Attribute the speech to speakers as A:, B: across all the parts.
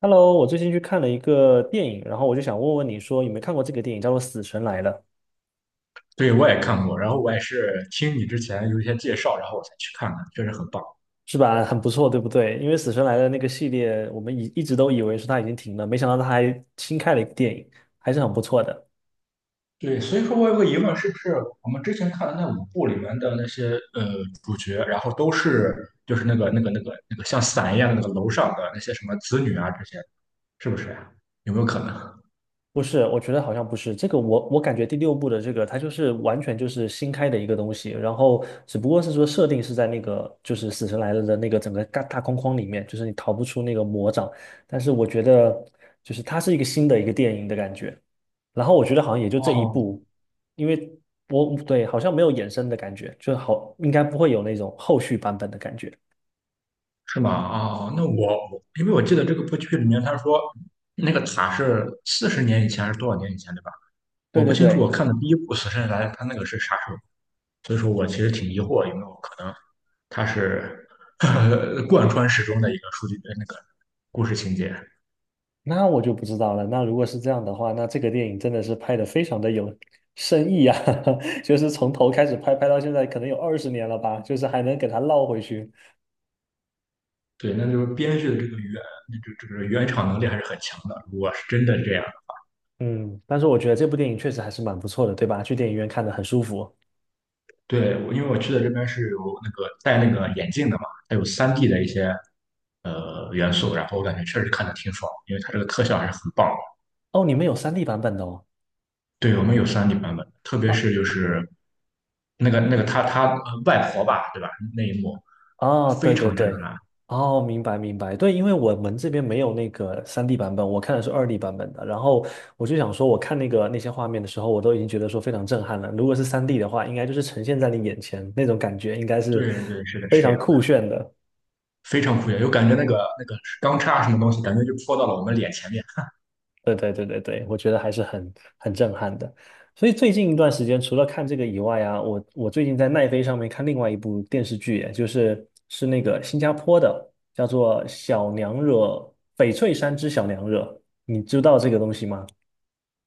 A: Hello，我最近去看了一个电影，然后我就想问问你说有没有看过这个电影，叫做《死神来了》，
B: 对，我也看过，然后我也是听你之前有一些介绍，然后我才去看的，确实很棒。
A: 是吧？很不错，对不对？因为《死神来了》那个系列，我们一直都以为说它已经停了，没想到它还新开了一个电影，还是很不错的。
B: 对，所以说我有个疑问，是不是我们之前看的那5部里面的那些呃主角，然后都是就是那个像伞一样的那个楼上的那些什么子女啊这些，是不是呀，有没有可能？
A: 不是，我觉得好像不是这个我。我感觉第六部的这个，它就是完全就是新开的一个东西，然后只不过是说设定是在那个就是死神来了的那个整个大框框里面，就是你逃不出那个魔掌。但是我觉得就是它是一个新的一个电影的感觉。然后我觉得好像也就这一
B: 哦，
A: 部，因为我对好像没有衍生的感觉，就好应该不会有那种后续版本的感觉。
B: 是吗？哦，那我因为我记得这个部剧里面他说那个塔是40年以前还是多少年以前，对吧？
A: 对
B: 我不
A: 对
B: 清楚，我
A: 对，
B: 看的第一部《死神来了》他那个是啥时候，所以说我其实挺疑惑有没有可能它是呵呵 贯穿始终的一个数据那个故事情节。
A: 那我就不知道了。那如果是这样的话，那这个电影真的是拍的非常的有深意啊，就是从头开始拍，拍到现在可能有20年了吧，就是还能给它绕回去。
B: 对，那就是编剧的这个那这个原厂能力还是很强的。如果是真的这样。
A: 嗯，但是我觉得这部电影确实还是蛮不错的，对吧？去电影院看的很舒服。
B: 对，我因为我去的这边是有那个戴那个眼镜的嘛，它有三 d 的一些元素，然后我感觉确实看的挺爽，因为它这个特效还是很棒的。
A: 哦，你们有 3D 版本的哦。
B: 对，我们有三 d 版本，特别
A: 啊。
B: 是就是那个他外婆吧，对吧？那一幕
A: 哦，
B: 非
A: 对对
B: 常震
A: 对，
B: 撼。
A: 哦，明白明白，对，因为我们这边没有那个三 d 版本，我看的是2D 版本的，然后我就想说，我看那个那些画面的时候，我都已经觉得说非常震撼了。如果是三 d 的话，应该就是呈现在你眼前那种感觉，应该是
B: 对对，是的，
A: 非
B: 是这
A: 常
B: 样。
A: 酷炫的。
B: 非常酷炫，有感觉那个钢叉什么东西，感觉就戳到了我们脸前面。
A: 对对对对对，我觉得还是很震撼的。所以最近一段时间，除了看这个以外啊，我最近在奈飞上面看另外一部电视剧，就是那个新加坡的，叫做《小娘惹》，翡翠山之小娘惹，你知道这个东西吗？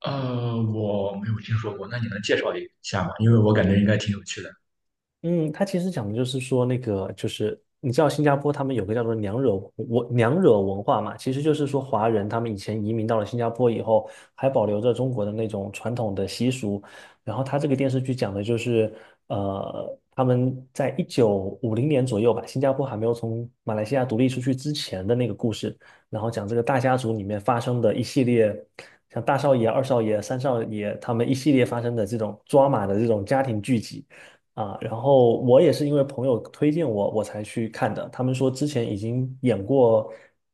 B: 我没有听说过，那你能介绍一下吗？因为我感觉应该挺有趣的。
A: 嗯，他其实讲的就是说，那个就是你知道新加坡他们有个叫做娘惹文化嘛，其实就是说华人他们以前移民到了新加坡以后，还保留着中国的那种传统的习俗。然后他这个电视剧讲的就是，呃，他们在一九五零年左右吧，新加坡还没有从马来西亚独立出去之前的那个故事，然后讲这个大家族里面发生的一系列，像大少爷、二少爷、三少爷他们一系列发生的这种抓马的这种家庭聚集。啊，然后我也是因为朋友推荐我，我才去看的。他们说之前已经演过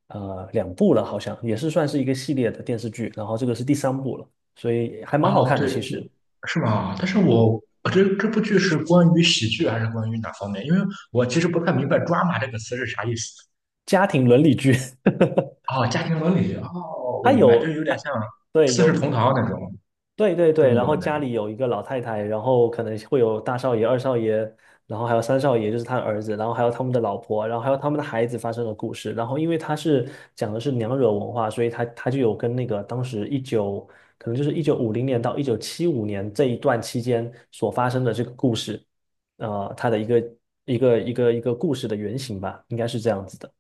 A: 两部了，好像也是算是一个系列的电视剧，然后这个是第三部了，所以还蛮好
B: 哦，
A: 看的
B: 对
A: 其
B: 对，
A: 实。
B: 是吗？但是
A: 嗯，
B: 我这部剧是关于喜剧还是关于哪方面？因为我其实不太明白 "drama" 这个词是啥意思。
A: 家庭伦理剧，
B: 哦，家庭伦理。哦，我
A: 它
B: 明白，就
A: 有
B: 有点
A: 它
B: 像
A: 对
B: 《四世
A: 有
B: 同
A: 一
B: 堂》那种
A: 对对对，
B: 中
A: 然
B: 国的
A: 后
B: 那种。
A: 家里有一个老太太，然后可能会有大少爷、二少爷，然后还有三少爷，就是他的儿子，然后还有他们的老婆，然后还有他们的孩子发生的故事。然后因为他是讲的是娘惹文化，所以他就有跟那个当时一九，可能就是一九五零年到1975年这一段期间所发生的这个故事，它的一个故事的原型吧，应该是这样子的。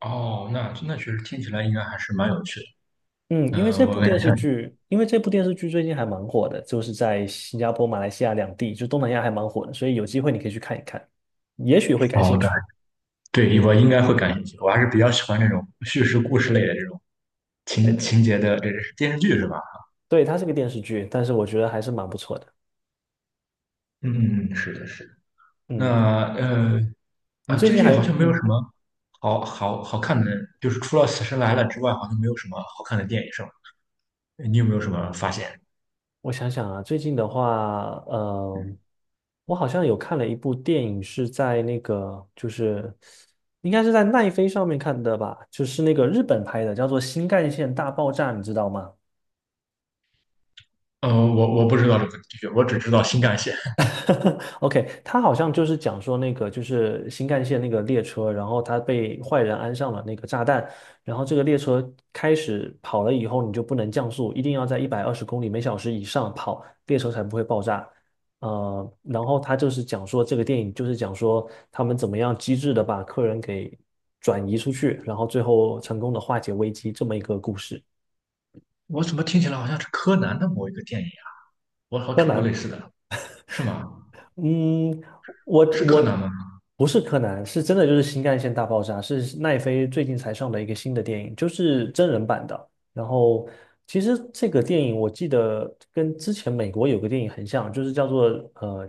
B: 哦，那确实听起来应该还是蛮有趣的。
A: 嗯，因为
B: 嗯、
A: 这
B: 我
A: 部
B: 感觉
A: 电视
B: 像。
A: 剧，因为这部电视剧最近还蛮火的，就是在新加坡、马来西亚两地，就东南亚还蛮火的，所以有机会你可以去看一看，也许会感
B: 好
A: 兴
B: 的。
A: 趣。
B: 对，我应该会感兴趣。我还是比较喜欢这种叙事故事类的这种
A: 对
B: 情
A: 对，
B: 情节的，这是电视剧是吧？
A: 对，它是个电视剧，但是我觉得还是蛮不错的。
B: 嗯，是的，是的。那
A: 嗯，
B: 呃
A: 你
B: 啊，
A: 最
B: 最
A: 近
B: 近
A: 还，
B: 好像没有
A: 嗯，
B: 什么好看的，就是除了《死神来了》之外，好像没有什么好看的电影，是吧？你有没有什么发现？
A: 我想想啊，最近的话，我好像有看了一部电影，是在那个，就是应该是在奈飞上面看的吧，就是那个日本拍的，叫做《新干线大爆炸》，你知道吗？
B: 我不知道这个剧，我只知道新干线。
A: OK，他好像就是讲说那个就是新干线那个列车，然后他被坏人安上了那个炸弹，然后这个列车开始跑了以后，你就不能降速，一定要在120公里每小时以上跑，列车才不会爆炸。然后他就是讲说这个电影就是讲说他们怎么样机智的把客人给转移出去，然后最后成功的化解危机这么一个故事。
B: 我怎么听起来好像是柯南的某一个电影啊？我好像
A: 柯
B: 看过类
A: 南，
B: 似的，是吗？
A: 嗯，我
B: 是柯
A: 我
B: 南吗？
A: 不是柯南，是真的就是新干线大爆炸，是奈飞最近才上的一个新的电影，就是真人版的。然后其实这个电影我记得跟之前美国有个电影很像，就是叫做呃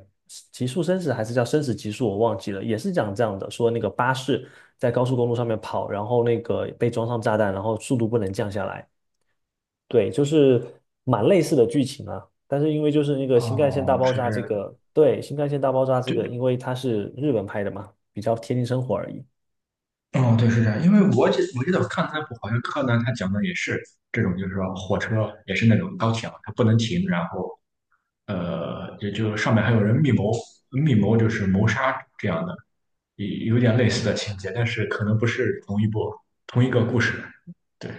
A: 《极速生死》还是叫《生死极速》，我忘记了，也是讲这样的，说那个巴士在高速公路上面跑，然后那个被装上炸弹，然后速度不能降下来。对，就是蛮类似的剧情啊，但是因为就是那个新干线大
B: 哦，
A: 爆
B: 是
A: 炸
B: 这
A: 这
B: 样。
A: 个，对，新干线大爆炸这个，因为它是日本拍的嘛，比较贴近生活而已。
B: 哦，对，是这样，因为我记得我看那部好像柯南他讲的也是这种，就是说火车也是那种高铁嘛，它不能停，然后也就上面还有人密谋，密谋就是谋杀这样的，有点类似的情节，但是可能不是同一个故事。对，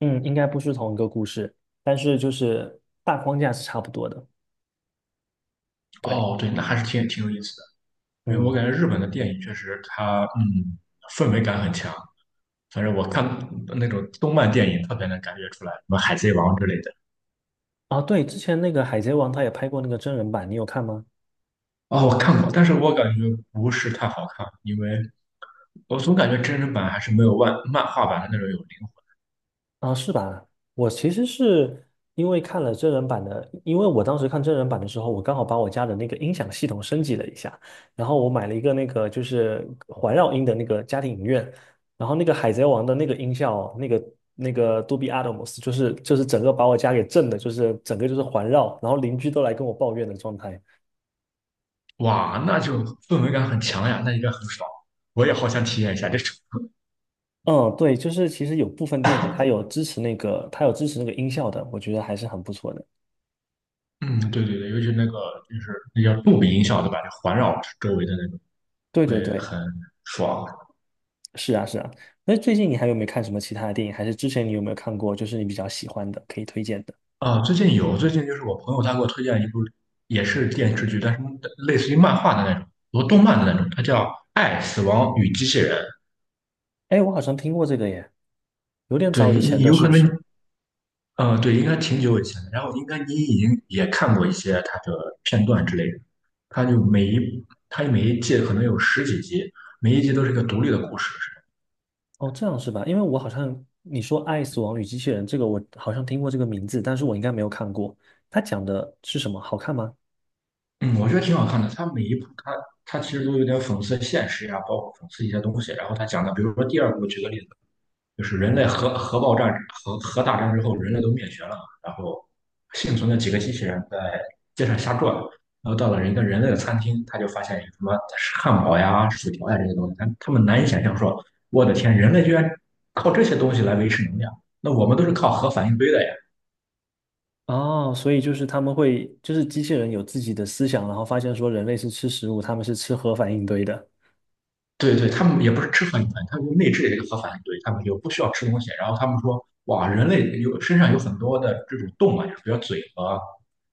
A: 嗯，应该不是同一个故事，但是就是大框架是差不多的。对，
B: 哦，对，那还是挺有意思的，因为我
A: 嗯，
B: 感觉日本的电影确实它氛围感很强，反正我看那种动漫电影特别能感觉出来，什么《海贼王》之类的。
A: 啊，对，之前那个《海贼王》他也拍过那个真人版，你有看吗？
B: 哦，我看过，但是我感觉不是太好看，因为我总感觉真人版还是没有漫画版的那种有灵
A: 啊，是吧？我其实是因为看了真人版的，因为我当时看真人版的时候，我刚好把我家的那个音响系统升级了一下，然后我买了一个那个就是环绕音的那个家庭影院，然后那个海贼王的那个音效，那个杜比 Atmos，就是整个把我家给震的，就是整个就是环绕，然后邻居都来跟我抱怨的状态。
B: 魂。哇，那就氛围感很强呀，那应该很爽。我也好想体验一下，这是
A: 嗯，对，就是其实有部分电影它有支持那个，它有支持那个音效的，我觉得还是很不错的。
B: 嗯，对对对，尤其那个就是那叫杜比音效对吧？就环绕周围的那种，
A: 对对
B: 会
A: 对，
B: 很爽。
A: 是啊，是啊。那最近你还有没有看什么其他的电影？还是之前你有没有看过，就是你比较喜欢的，可以推荐的？
B: 啊，最近有，最近就是我朋友他给我推荐一部，也是电视剧，但是类似于漫画的那种，和动漫的那种，它叫《爱、死亡与机器人》。
A: 哎，我好像听过这个耶，有点
B: 对，
A: 早以前的，
B: 有
A: 是
B: 可
A: 不
B: 能
A: 是？
B: 对，应该挺久以前的。然后应该你已经也看过一些它的片段之类的。它就每一它每一季可能有十几集，每一集都是一个独立的故事。是吧？
A: 哦，这样是吧？因为我好像你说《爱死亡与机器人》这个，我好像听过这个名字，但是我应该没有看过。它讲的是什么？好看吗？
B: 嗯，我觉得挺好看的。它每一部它其实都有点讽刺现实呀、包括讽刺一些东西。然后它讲的，比如说第二部，举个例子。就是人类核爆炸核大战之后，人类都灭绝了嘛，然后幸存的几个机器人在街上瞎转，然后到了一个人类的餐厅，他就发现有什么汉堡呀、薯条呀这些东西，他们难以想象说，我的天，人类居然靠这些东西来维持能量，那我们都是靠核反应堆的呀。
A: 哦，所以就是他们会，就是机器人有自己的思想，然后发现说人类是吃食物，他们是吃核反应堆的。
B: 对对，他们也不是吃核反应，他们就内置的一个核反应堆，他们就不需要吃东西。然后他们说，哇，人类有身上有很多的这种动脉，比如嘴和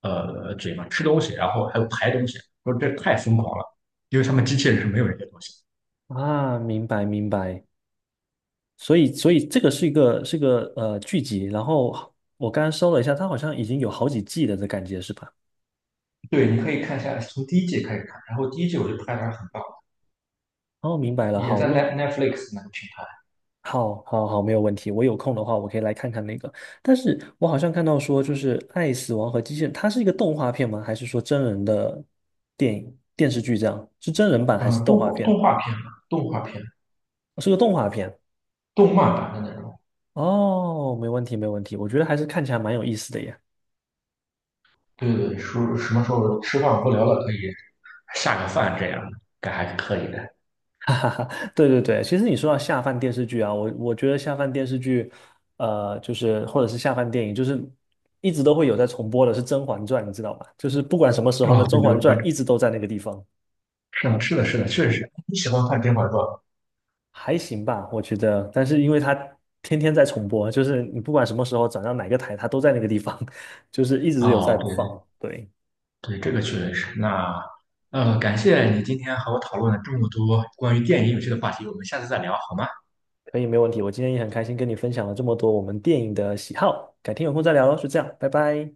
B: 嘴嘛，吃东西，然后还有排东西，说这太疯狂了，因为他们机器人是没有这些东西。
A: 啊，明白明白。所以，所以这个是一个剧集，然后我刚刚搜了一下，它好像已经有好几季了的感觉是吧？
B: 对，你可以看一下，从第一季开始看，然后第一季我就拍的还是很棒，
A: 哦，明白了，
B: 也
A: 好，
B: 在
A: 那
B: Netflix 那个平台，
A: 好好好，没有问题。我有空的话，我可以来看看那个。但是我好像看到说，就是《爱死亡和机器人》，它是一个动画片吗？还是说真人的电影电视剧这样？是真人版还是
B: 嗯，
A: 动
B: 动
A: 画
B: 画
A: 片？
B: 动画片嘛，动画片，
A: 哦是个动画片。
B: 动漫版的那种。
A: 哦，没问题，没问题。我觉得还是看起来蛮有意思的耶。
B: 对对对说什么时候吃饭无聊了可以下个饭这样，该还是可以的。
A: 对对对，其实你说到下饭电视剧啊，我觉得下饭电视剧，就是或者是下饭电影，就是一直都会有在重播的是《甄嬛传》，你知道吗？就是不管什么时候呢，
B: 哦，对
A: 《甄
B: 对，
A: 嬛
B: 我
A: 传》一直都在那个地方，
B: 是的，是的，是的，确实是。你喜欢看《天外传》？
A: 还行吧，我觉得。但是因为它天天在重播，就是你不管什么时候转到哪个台，它都在那个地方，就是一直有在
B: 哦，对
A: 放。对，
B: 对对，这个确实是。那感谢你今天和我讨论了这么多关于电影有趣的话题，我们下次再聊好吗？
A: 可以，没问题。我今天也很开心跟你分享了这么多我们电影的喜好，改天有空再聊喽，就这样，拜拜。